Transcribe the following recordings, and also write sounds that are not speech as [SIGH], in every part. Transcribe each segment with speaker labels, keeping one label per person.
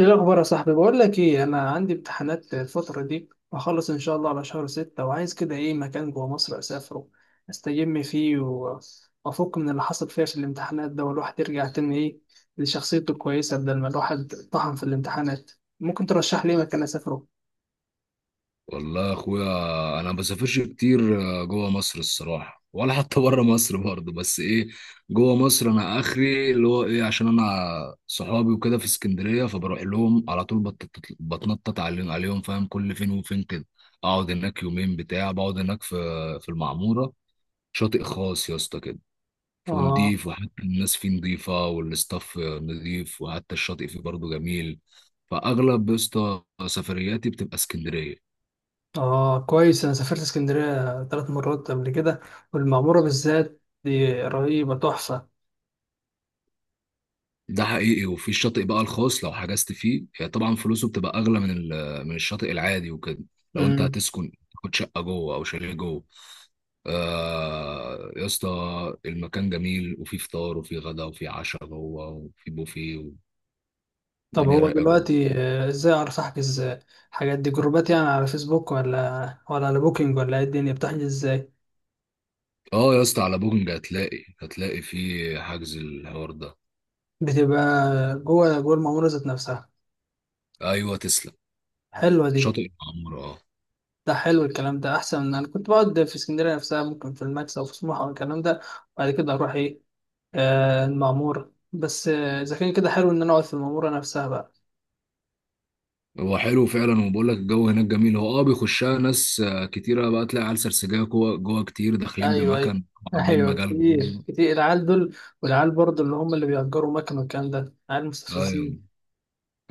Speaker 1: ايه الاخبار يا صاحبي؟ بقول لك ايه، انا عندي امتحانات الفتره دي وهخلص ان شاء الله على شهر ستة، وعايز كده ايه مكان جوه مصر اسافره استجم فيه وافك من اللي حصل فيها في الامتحانات ده، والواحد يرجع تاني ايه لشخصيته الكويسه بدل ما الواحد طحن في الامتحانات. ممكن ترشح لي إيه مكان اسافره؟
Speaker 2: والله يا اخويا، انا ما بسافرش كتير جوه مصر الصراحه، ولا حتى بره مصر برضه، بس ايه، جوه مصر انا اخري اللي هو ايه، عشان انا صحابي وكده في اسكندريه، فبروح لهم على طول. بتنطط عليهم فاهم؟ كل فين وفين كده اقعد هناك يومين بتاع، بقعد هناك في المعموره، شاطئ خاص يا اسطى كده،
Speaker 1: اه.
Speaker 2: ونضيف، وحتى الناس فيه نضيفه، والاستاف نضيف، وحتى الشاطئ فيه برضه جميل. فاغلب يا اسطى سفرياتي بتبقى اسكندريه.
Speaker 1: اه كويس، انا سافرت اسكندريه 3 مرات قبل كده، والمعموره بالذات دي رهيبه تحفه.
Speaker 2: ده حقيقي. وفي الشاطئ بقى الخاص لو حجزت فيه، هي طبعا فلوسه بتبقى اغلى من من الشاطئ العادي وكده، لو انت هتسكن تاخد شقه جوه او شاليه جوه. آه يا اسطى، المكان جميل، وفي فطار وفي غدا وفي عشاء جوه، وفي بوفيه،
Speaker 1: طب
Speaker 2: والدنيا
Speaker 1: هو
Speaker 2: رايقه جوه.
Speaker 1: دلوقتي ازاي اعرف احجز الحاجات دي؟ جروبات يعني على فيسبوك ولا على بوكينج ولا ايه؟ الدنيا بتحجز ازاي؟
Speaker 2: اه يا اسطى، على بوكينج هتلاقي في حجز الحوار ده.
Speaker 1: بتبقى جوه المعموره ذات نفسها؟
Speaker 2: ايوه، تسلم.
Speaker 1: حلوه دي.
Speaker 2: شاطئ المعموره، اه.
Speaker 1: ده حلو الكلام ده، احسن من انا كنت بقعد في اسكندريه نفسها، ممكن في الماكس او في سموحه او الكلام ده، وبعد كده اروح ايه. آه المعموره بس، اذا كان كده حلو ان انا اقعد في المعموره نفسها بقى.
Speaker 2: هو حلو فعلا، وبقول لك الجو هناك جميل. هو بيخشها ناس كتيرة. بقى تلاقي عيال سرسجية جوه جوه كتير داخلين
Speaker 1: ايوه ايوه.
Speaker 2: بمكان وعاملين
Speaker 1: ايوه
Speaker 2: مجال
Speaker 1: كتير
Speaker 2: جوه.
Speaker 1: كتير العيال دول، والعيال برضه اللي هم اللي بيأجروا مكن والكلام ده عيال
Speaker 2: ايوه،
Speaker 1: مستفزين.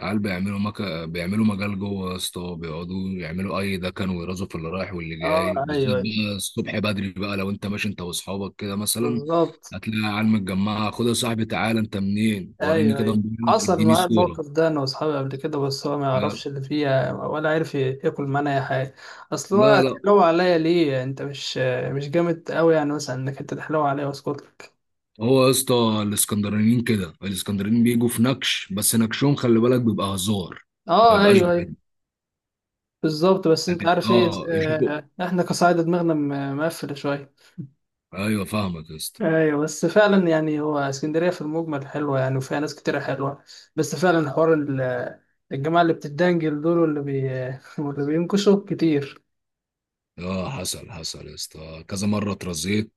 Speaker 2: عيال بيعملوا مكان، بيعملوا مجال جوه يا اسطى، بيقعدوا يعملوا اي دكن، ويرازوا في اللي رايح واللي
Speaker 1: اه
Speaker 2: جاي، بالذات
Speaker 1: ايوه أيوة.
Speaker 2: بقى الصبح بدري. بقى لو انت ماشي انت واصحابك كده مثلا،
Speaker 1: بالظبط.
Speaker 2: هتلاقي عيال متجمعة: خد يا صاحبي، تعالى انت منين، وريني
Speaker 1: ايوه
Speaker 2: كده
Speaker 1: ايوه،
Speaker 2: موبايلك،
Speaker 1: حصل
Speaker 2: اديني
Speaker 1: معايا
Speaker 2: صورة.
Speaker 1: الموقف ده انا واصحابي قبل كده، بس هو ما
Speaker 2: لا،
Speaker 1: يعرفش اللي فيها، ولا عارف ياكل معانا اي حاجه. اصل هو
Speaker 2: لا، لا.
Speaker 1: تحلو عليا ليه؟ انت مش جامد قوي يعني مثلا انك انت تحلو عليا، واسكت لك.
Speaker 2: هو يا اسطى الاسكندرانيين كده، الاسكندرانيين بيجوا في نكش، بس نكشهم خلي بالك بيبقى هزار، ما
Speaker 1: اه
Speaker 2: بيبقاش
Speaker 1: ايوه ايوه
Speaker 2: بجد.
Speaker 1: بالظبط. بس
Speaker 2: يعني
Speaker 1: انت عارف ايه
Speaker 2: يشوفوا.
Speaker 1: احنا كصعيدة دماغنا مقفله شويه.
Speaker 2: ايوه فاهمك يا اسطى.
Speaker 1: ايوه بس فعلا يعني هو اسكندريه في المجمل حلوه يعني، وفيها ناس كتيره حلوه، بس فعلا حوار الجماعه اللي بتدنجل دول واللي بي [LAUGHS] واللي بينكشوا كتير.
Speaker 2: اه، حصل حصل يا اسطى كذا مره اترزيت،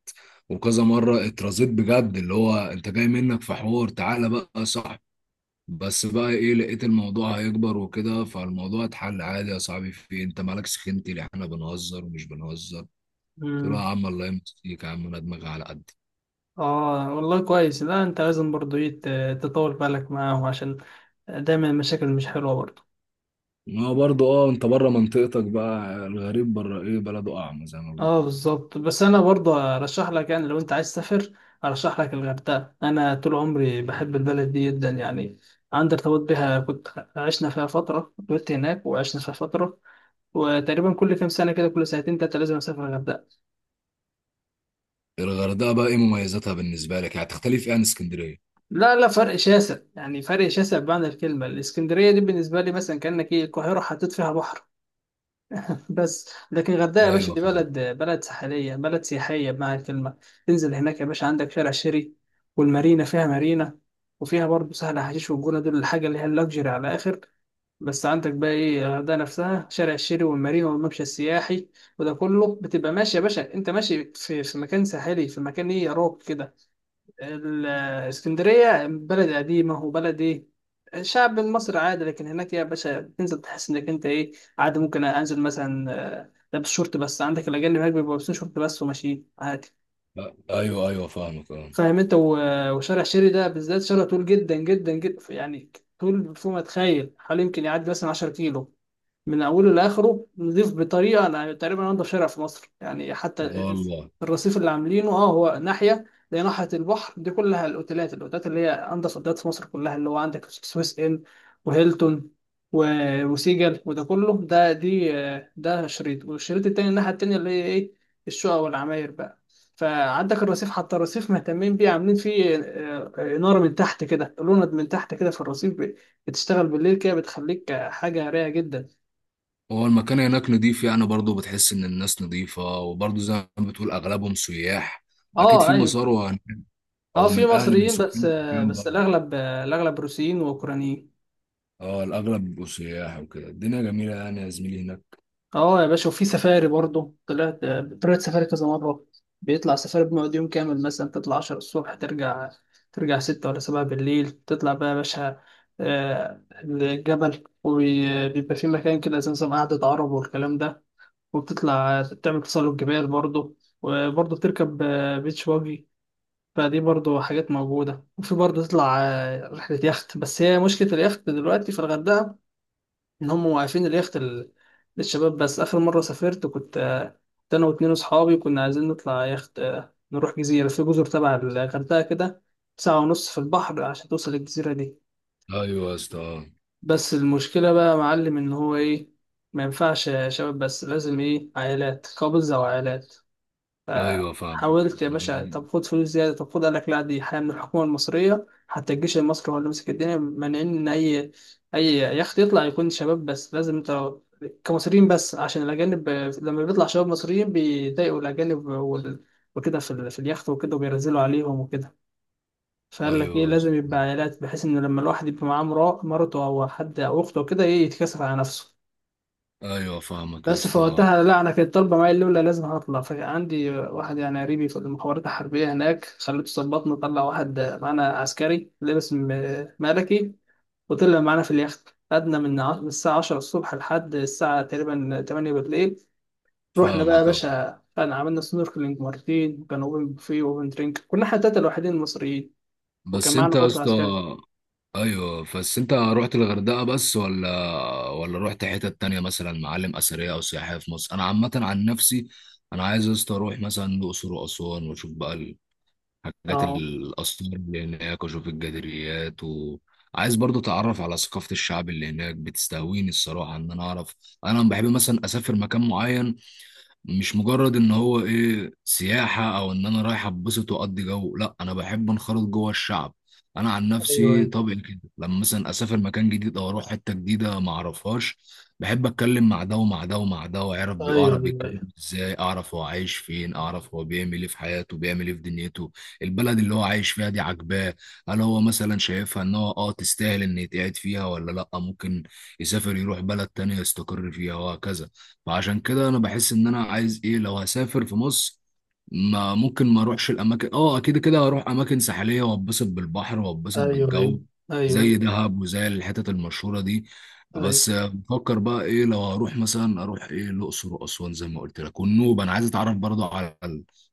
Speaker 2: وكذا مره اترزيت بجد. اللي هو انت جاي منك في حوار، تعالى بقى، صح؟ بس بقى ايه، لقيت الموضوع هيكبر وكده، فالموضوع اتحل عادي. يا صاحبي في إيه، انت مالك سخنتي، اللي احنا بنهزر ومش بنهزر. قلت له يا عم الله يمسيك يا عم، انا دماغي على قد.
Speaker 1: اه والله كويس. لا انت لازم برضو ايه تطول بالك معاهم، عشان دايما المشاكل مش حلوة برضو.
Speaker 2: ما هو برضه، انت بره منطقتك بقى، الغريب بره ايه بلده اعمى زي ما
Speaker 1: اه بالظبط. بس انا برضو ارشح لك، يعني لو انت عايز تسافر ارشح لك الغردقة. انا طول عمري بحب البلد دي جدا يعني، عندي ارتباط بيها، كنت عشنا فيها فترة، كنت هناك وعشنا فيها فترة، وتقريبا كل كام سنة كده، كل سنتين تلاتة لازم اسافر الغردقة.
Speaker 2: بيقولوا. الغردقه بقى ايه مميزاتها بالنسبه لك؟ يعني تختلف ايه عن اسكندريه؟
Speaker 1: لا لا، فرق شاسع يعني، فرق شاسع بمعنى الكلمة. الاسكندرية دي بالنسبة لي مثلا كأنك ايه القاهرة حطيت فيها بحر، بس لكن الغردقه يا باشا
Speaker 2: ايوه،
Speaker 1: دي
Speaker 2: فاهم.
Speaker 1: بلد ساحليه بلد سياحيه بمعنى الكلمه. تنزل هناك يا باشا، عندك شارع شيري والمارينا، فيها مارينا، وفيها برضه سهل حشيش والجونه، دول الحاجه اللي هي اللاكجري على اخر. بس عندك بقى ايه الغردقه نفسها، شارع الشيري والمارينا والممشى السياحي، وده كله بتبقى ماشي يا باشا، انت ماشي في، في مكان ساحلي في مكان ايه يا روك كده. الاسكندرية بلد قديمة وبلد إيه الشعب المصري عادي، لكن هناك يا باشا بتنزل تحس إنك أنت إيه عادي، ممكن أنزل مثلا لابس شورت بس، عندك الأجانب هناك بيبقوا لابسين شورت بس وماشيين عادي.
Speaker 2: ايوه، ايوه، فاهمك، اه.
Speaker 1: فاهم أنت وشارع شيري ده بالذات شارع طول جدا جدا جدا يعني، طول فوق ما تخيل، حوالي يمكن يعدي مثلا 10 كيلو من اوله لاخره، نضيف بطريقه انا تقريبا انا شارع في مصر يعني.
Speaker 2: ده
Speaker 1: حتى
Speaker 2: والله.
Speaker 1: الرصيف اللي عاملينه اه هو ناحيه زي ناحيه البحر دي كلها الاوتيلات، الاوتيلات اللي هي انضف اوتيلات في مصر كلها، اللي هو عندك سويس ان وهيلتون وسيجل وده كله، ده دي ده شريط، والشريط التاني الناحيه التانيه اللي هي ايه الشقق والعماير بقى. فعندك الرصيف، حتى الرصيف مهتمين بيه، عاملين فيه إنارة من تحت كده، لوند من تحت كده في الرصيف، بتشتغل بالليل كده، بتخليك حاجة رايقة جدا.
Speaker 2: هو المكان هناك نضيف يعني، برضه بتحس ان الناس نضيفه، وبرضه زي ما بتقول اغلبهم سياح. اكيد
Speaker 1: اه
Speaker 2: في
Speaker 1: ايوه.
Speaker 2: مسار هناك،
Speaker 1: اه
Speaker 2: او
Speaker 1: في
Speaker 2: من اهل، من
Speaker 1: مصريين بس،
Speaker 2: سكان الكلام
Speaker 1: بس
Speaker 2: ده.
Speaker 1: الاغلب الاغلب روسيين واوكرانيين.
Speaker 2: اه، الاغلب بيبقوا سياح وكده، الدنيا جميله يعني يا زميلي هناك.
Speaker 1: اه يا باشا. وفي سفاري برضه، طلعت طلعت سفاري كذا مره. بيطلع سفاري بنقعد يوم كامل، مثلا تطلع 10 الصبح، ترجع 6 ولا 7 بالليل، تطلع بقى يا باشا الجبل، وبيبقى في مكان كده زي نظام قعدة عرب والكلام ده، وبتطلع تعمل تسلق جبال برضه، وبرضه بتركب بيتش باجي. فدي برضو حاجات موجودة، وفي برضو تطلع رحلة يخت، بس هي مشكلة اليخت دلوقتي في الغردقة إن هم واقفين اليخت للشباب بس. آخر مرة سافرت كنت كنت أنا واتنين أصحابي كنا عايزين نطلع يخت، نروح جزيرة في جزر تبع الغردقة كده، ساعة ونص في البحر عشان توصل للجزيرة دي.
Speaker 2: ايوه يا اسطى، آه.
Speaker 1: بس المشكلة بقى يا معلم إن هو إيه ما ينفعش شباب بس، لازم إيه عائلات، كابلز أو عائلات.
Speaker 2: ايوه، فاهم.
Speaker 1: فحاولت يا باشا، طب خد فلوس زيادة، طب خد. قال لك لا، دي حاجة من الحكومة المصرية، حتى الجيش المصري هو اللي ماسك الدنيا، مانعين إن أي يخت يطلع يكون شباب بس، لازم أنت كمصريين بس، عشان الأجانب لما بيطلع شباب مصريين بيضايقوا الأجانب وكده في، في اليخت وكده، وبينزلوا عليهم وكده. فقال لك إيه
Speaker 2: ايوه يا
Speaker 1: لازم يبقى
Speaker 2: اسطى.
Speaker 1: عائلات، بحيث إن لما الواحد يبقى معاه مرته أو حد أو أخته وكده إيه يتكسف على نفسه.
Speaker 2: ايوه فاهمك يا
Speaker 1: بس
Speaker 2: اسطى.
Speaker 1: فوقتها لا انا كانت طالبه معايا الاولى لازم هطلع، فعندي واحد يعني قريبي في المخابرات الحربيه هناك، خليته ظبطنا، طلع واحد معانا عسكري لابس ملكي، وطلع معانا في اليخت. قعدنا من من الساعه 10 الصبح لحد الساعه تقريبا 8 بالليل. رحنا بقى يا
Speaker 2: فاهمك، آه.
Speaker 1: باشا، كان عملنا سنوركلينج مرتين، وكان اوبن بوفيه واوبن درينك، كنا احنا التلاته الوحيدين المصريين، وكان
Speaker 2: بس
Speaker 1: معانا
Speaker 2: انت يا
Speaker 1: برضه
Speaker 2: اسطى،
Speaker 1: عسكري.
Speaker 2: ايوه، بس انت رحت الغردقه بس، ولا رحت حتت تانية مثلا، معالم اثريه او سياحيه في مصر؟ انا عامه عن نفسي، انا عايز يا اسطى اروح مثلا الاقصر واسوان، واشوف بقى الحاجات
Speaker 1: اه
Speaker 2: الاثار اللي هناك، واشوف الجدريات. وعايز برضو اتعرف على ثقافه الشعب اللي هناك، بتستهويني الصراحه ان انا اعرف. انا بحب مثلا اسافر مكان معين، مش مجرد ان هو ايه سياحة، او ان انا رايح اتبسط واقضي جو. لا، انا بحب انخرط جوه الشعب. انا عن
Speaker 1: ايوه
Speaker 2: نفسي
Speaker 1: ايوه
Speaker 2: طبعي كده، لما مثلا اسافر مكان جديد او اروح حتة جديدة ما اعرفهاش، بحب اتكلم مع ده ومع ده ومع ده، واعرف
Speaker 1: ايوه
Speaker 2: اعرف بيتكلم
Speaker 1: ايوه
Speaker 2: ازاي، اعرف هو عايش فين، اعرف هو بيعمل ايه في حياته، بيعمل ايه في دنيته. البلد اللي هو عايش فيها دي عاجباه؟ هل هو مثلا شايفها ان هو تستاهل ان يتقعد فيها، ولا لا ممكن يسافر يروح بلد تانية يستقر فيها، وهكذا. فعشان كده انا بحس ان انا عايز ايه، لو هسافر في مصر ما ممكن ما اروحش الاماكن، كده كده هروح اماكن ساحليه واتبسط بالبحر واتبسط
Speaker 1: ايوه
Speaker 2: بالجو، زي
Speaker 1: ايوه،
Speaker 2: دهب وزي الحتت المشهوره دي.
Speaker 1: أيوة.
Speaker 2: بس بفكر بقى ايه، لو هروح مثلا اروح ايه الاقصر واسوان زي ما قلت لك، والنوبه انا عايز اتعرف برضه على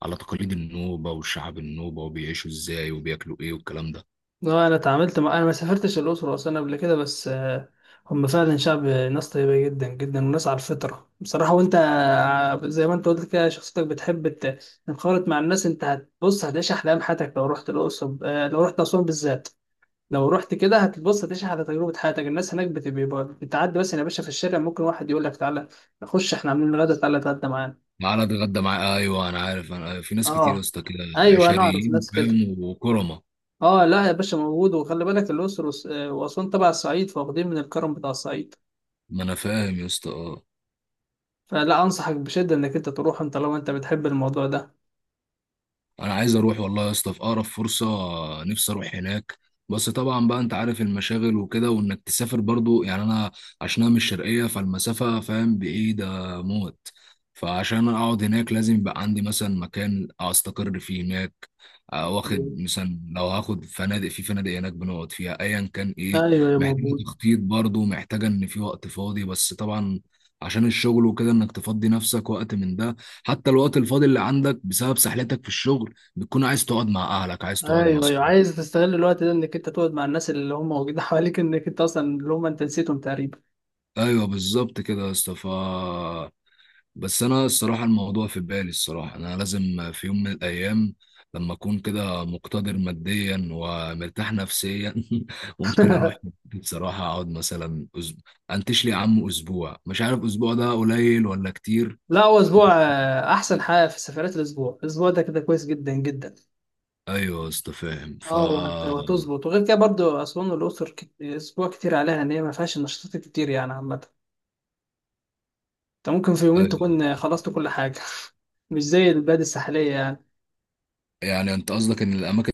Speaker 2: على تقاليد النوبه والشعب النوبه، وبيعيشوا ازاي، وبياكلوا ايه والكلام ده.
Speaker 1: اه انا اتعاملت مع، انا ما سافرتش الاقصر واسوان قبل كده، بس هم فعلا شعب ناس طيبه جدا جدا وناس على الفطره بصراحه، وانت زي ما انت قلت كده شخصيتك بتحب تنخرط مع الناس. انت هتبص هتعيش احلام حياتك لو رحت الاقصر، لو رحت اسوان بالذات، لو رحت كده هتبص هتعيش على تجربه حياتك. الناس هناك بتبقى بتعدي مثلا يا باشا في الشارع، ممكن واحد يقول لك تعالى نخش احنا عاملين غدا تعالى اتغدى معانا.
Speaker 2: معانا، اتغدى معاه. ايوه انا عارف، انا في ناس كتير يا
Speaker 1: اه
Speaker 2: اسطى كده
Speaker 1: ايوه انا اعرف
Speaker 2: عشريين،
Speaker 1: ناس كده.
Speaker 2: فاهم، وكرمه.
Speaker 1: اه لا يا باشا موجود. وخلي بالك الأقصر وأسوان تبع الصعيد، فواخدين من الكرم بتاع الصعيد،
Speaker 2: ما انا فاهم يا اسطى، اه.
Speaker 1: فلا أنصحك بشدة إنك أنت تروح، أنت لو أنت بتحب الموضوع ده.
Speaker 2: انا عايز اروح والله يا اسطى في اقرب فرصه، نفسي اروح هناك. بس طبعا بقى انت عارف المشاغل وكده، وانك تسافر برضو، يعني انا عشان انا من الشرقيه، فالمسافه فاهم بعيده موت. فعشان اقعد هناك لازم يبقى عندي مثلا مكان استقر فيه هناك،
Speaker 1: ايوه
Speaker 2: واخد مثلا لو هاخد فنادق، في فنادق هناك بنقعد فيها ايا كان ايه.
Speaker 1: ايوه يا
Speaker 2: محتاجه
Speaker 1: موجود.
Speaker 2: تخطيط برضو، محتاجه ان في وقت فاضي، بس طبعا عشان الشغل وكده، انك تفضي نفسك وقت من ده. حتى الوقت الفاضي اللي عندك بسبب سحلتك في الشغل، بتكون عايز تقعد مع اهلك، عايز تقعد مع
Speaker 1: ايوه ايوه،
Speaker 2: اصحابك.
Speaker 1: عايز تستغل الوقت ده انك انت تقعد مع الناس اللي هم موجودين [LAUGHS] حواليك، انك انت اصلا اللي هم انت نسيتهم تقريبا.
Speaker 2: ايوه بالظبط كده يا اسطى. بس انا الصراحه الموضوع في بالي. الصراحه انا لازم في يوم من الايام، لما اكون كده مقتدر ماديا ومرتاح نفسيا، [LAUGHS] ممكن اروح.
Speaker 1: [LAUGHS]
Speaker 2: بصراحه اقعد مثلا، انتش لي يا عم اسبوع، مش عارف اسبوع ده قليل ولا كتير.
Speaker 1: لا هو اسبوع احسن حاجه في سفرات، الاسبوع الاسبوع ده كده كويس جدا جدا.
Speaker 2: ايوه يا اسطى فاهم.
Speaker 1: اه وهتظبط، وغير كده برضو اسوان والاقصر اسبوع كتير عليها، ان هي ما فيهاش نشاطات كتير يعني عامه، انت ممكن في يومين
Speaker 2: أيوة.
Speaker 1: تكون خلصت كل حاجة. [LAUGHS] مش زي البلاد الساحلية يعني.
Speaker 2: يعني انت قصدك ان الاماكن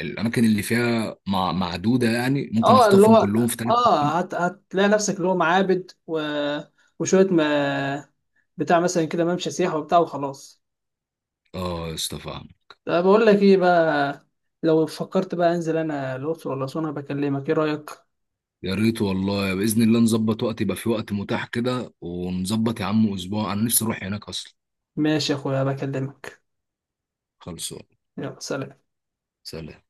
Speaker 2: الاماكن اللي فيها معدوده، يعني ممكن
Speaker 1: اه اللي
Speaker 2: اخطفهم
Speaker 1: هو،
Speaker 2: كلهم في.
Speaker 1: اه هت... هتلاقي نفسك اللي هو معابد و... وشوية ما بتاع مثلا كده ممشى سياحة وبتاع وخلاص.
Speaker 2: اه يا اسطى فاهم.
Speaker 1: طب بقول لك ايه بقى، لو فكرت بقى انزل انا الأقصر ولا أسوان أنا بكلمك، ايه رأيك؟
Speaker 2: يا ريت والله باذن الله نظبط وقت، يبقى في وقت متاح كده ونظبط يا عم اسبوع، انا نفسي اروح هناك اصلا.
Speaker 1: ماشي يا اخويا بكلمك.
Speaker 2: خلصوا.
Speaker 1: يلا سلام.
Speaker 2: سلام.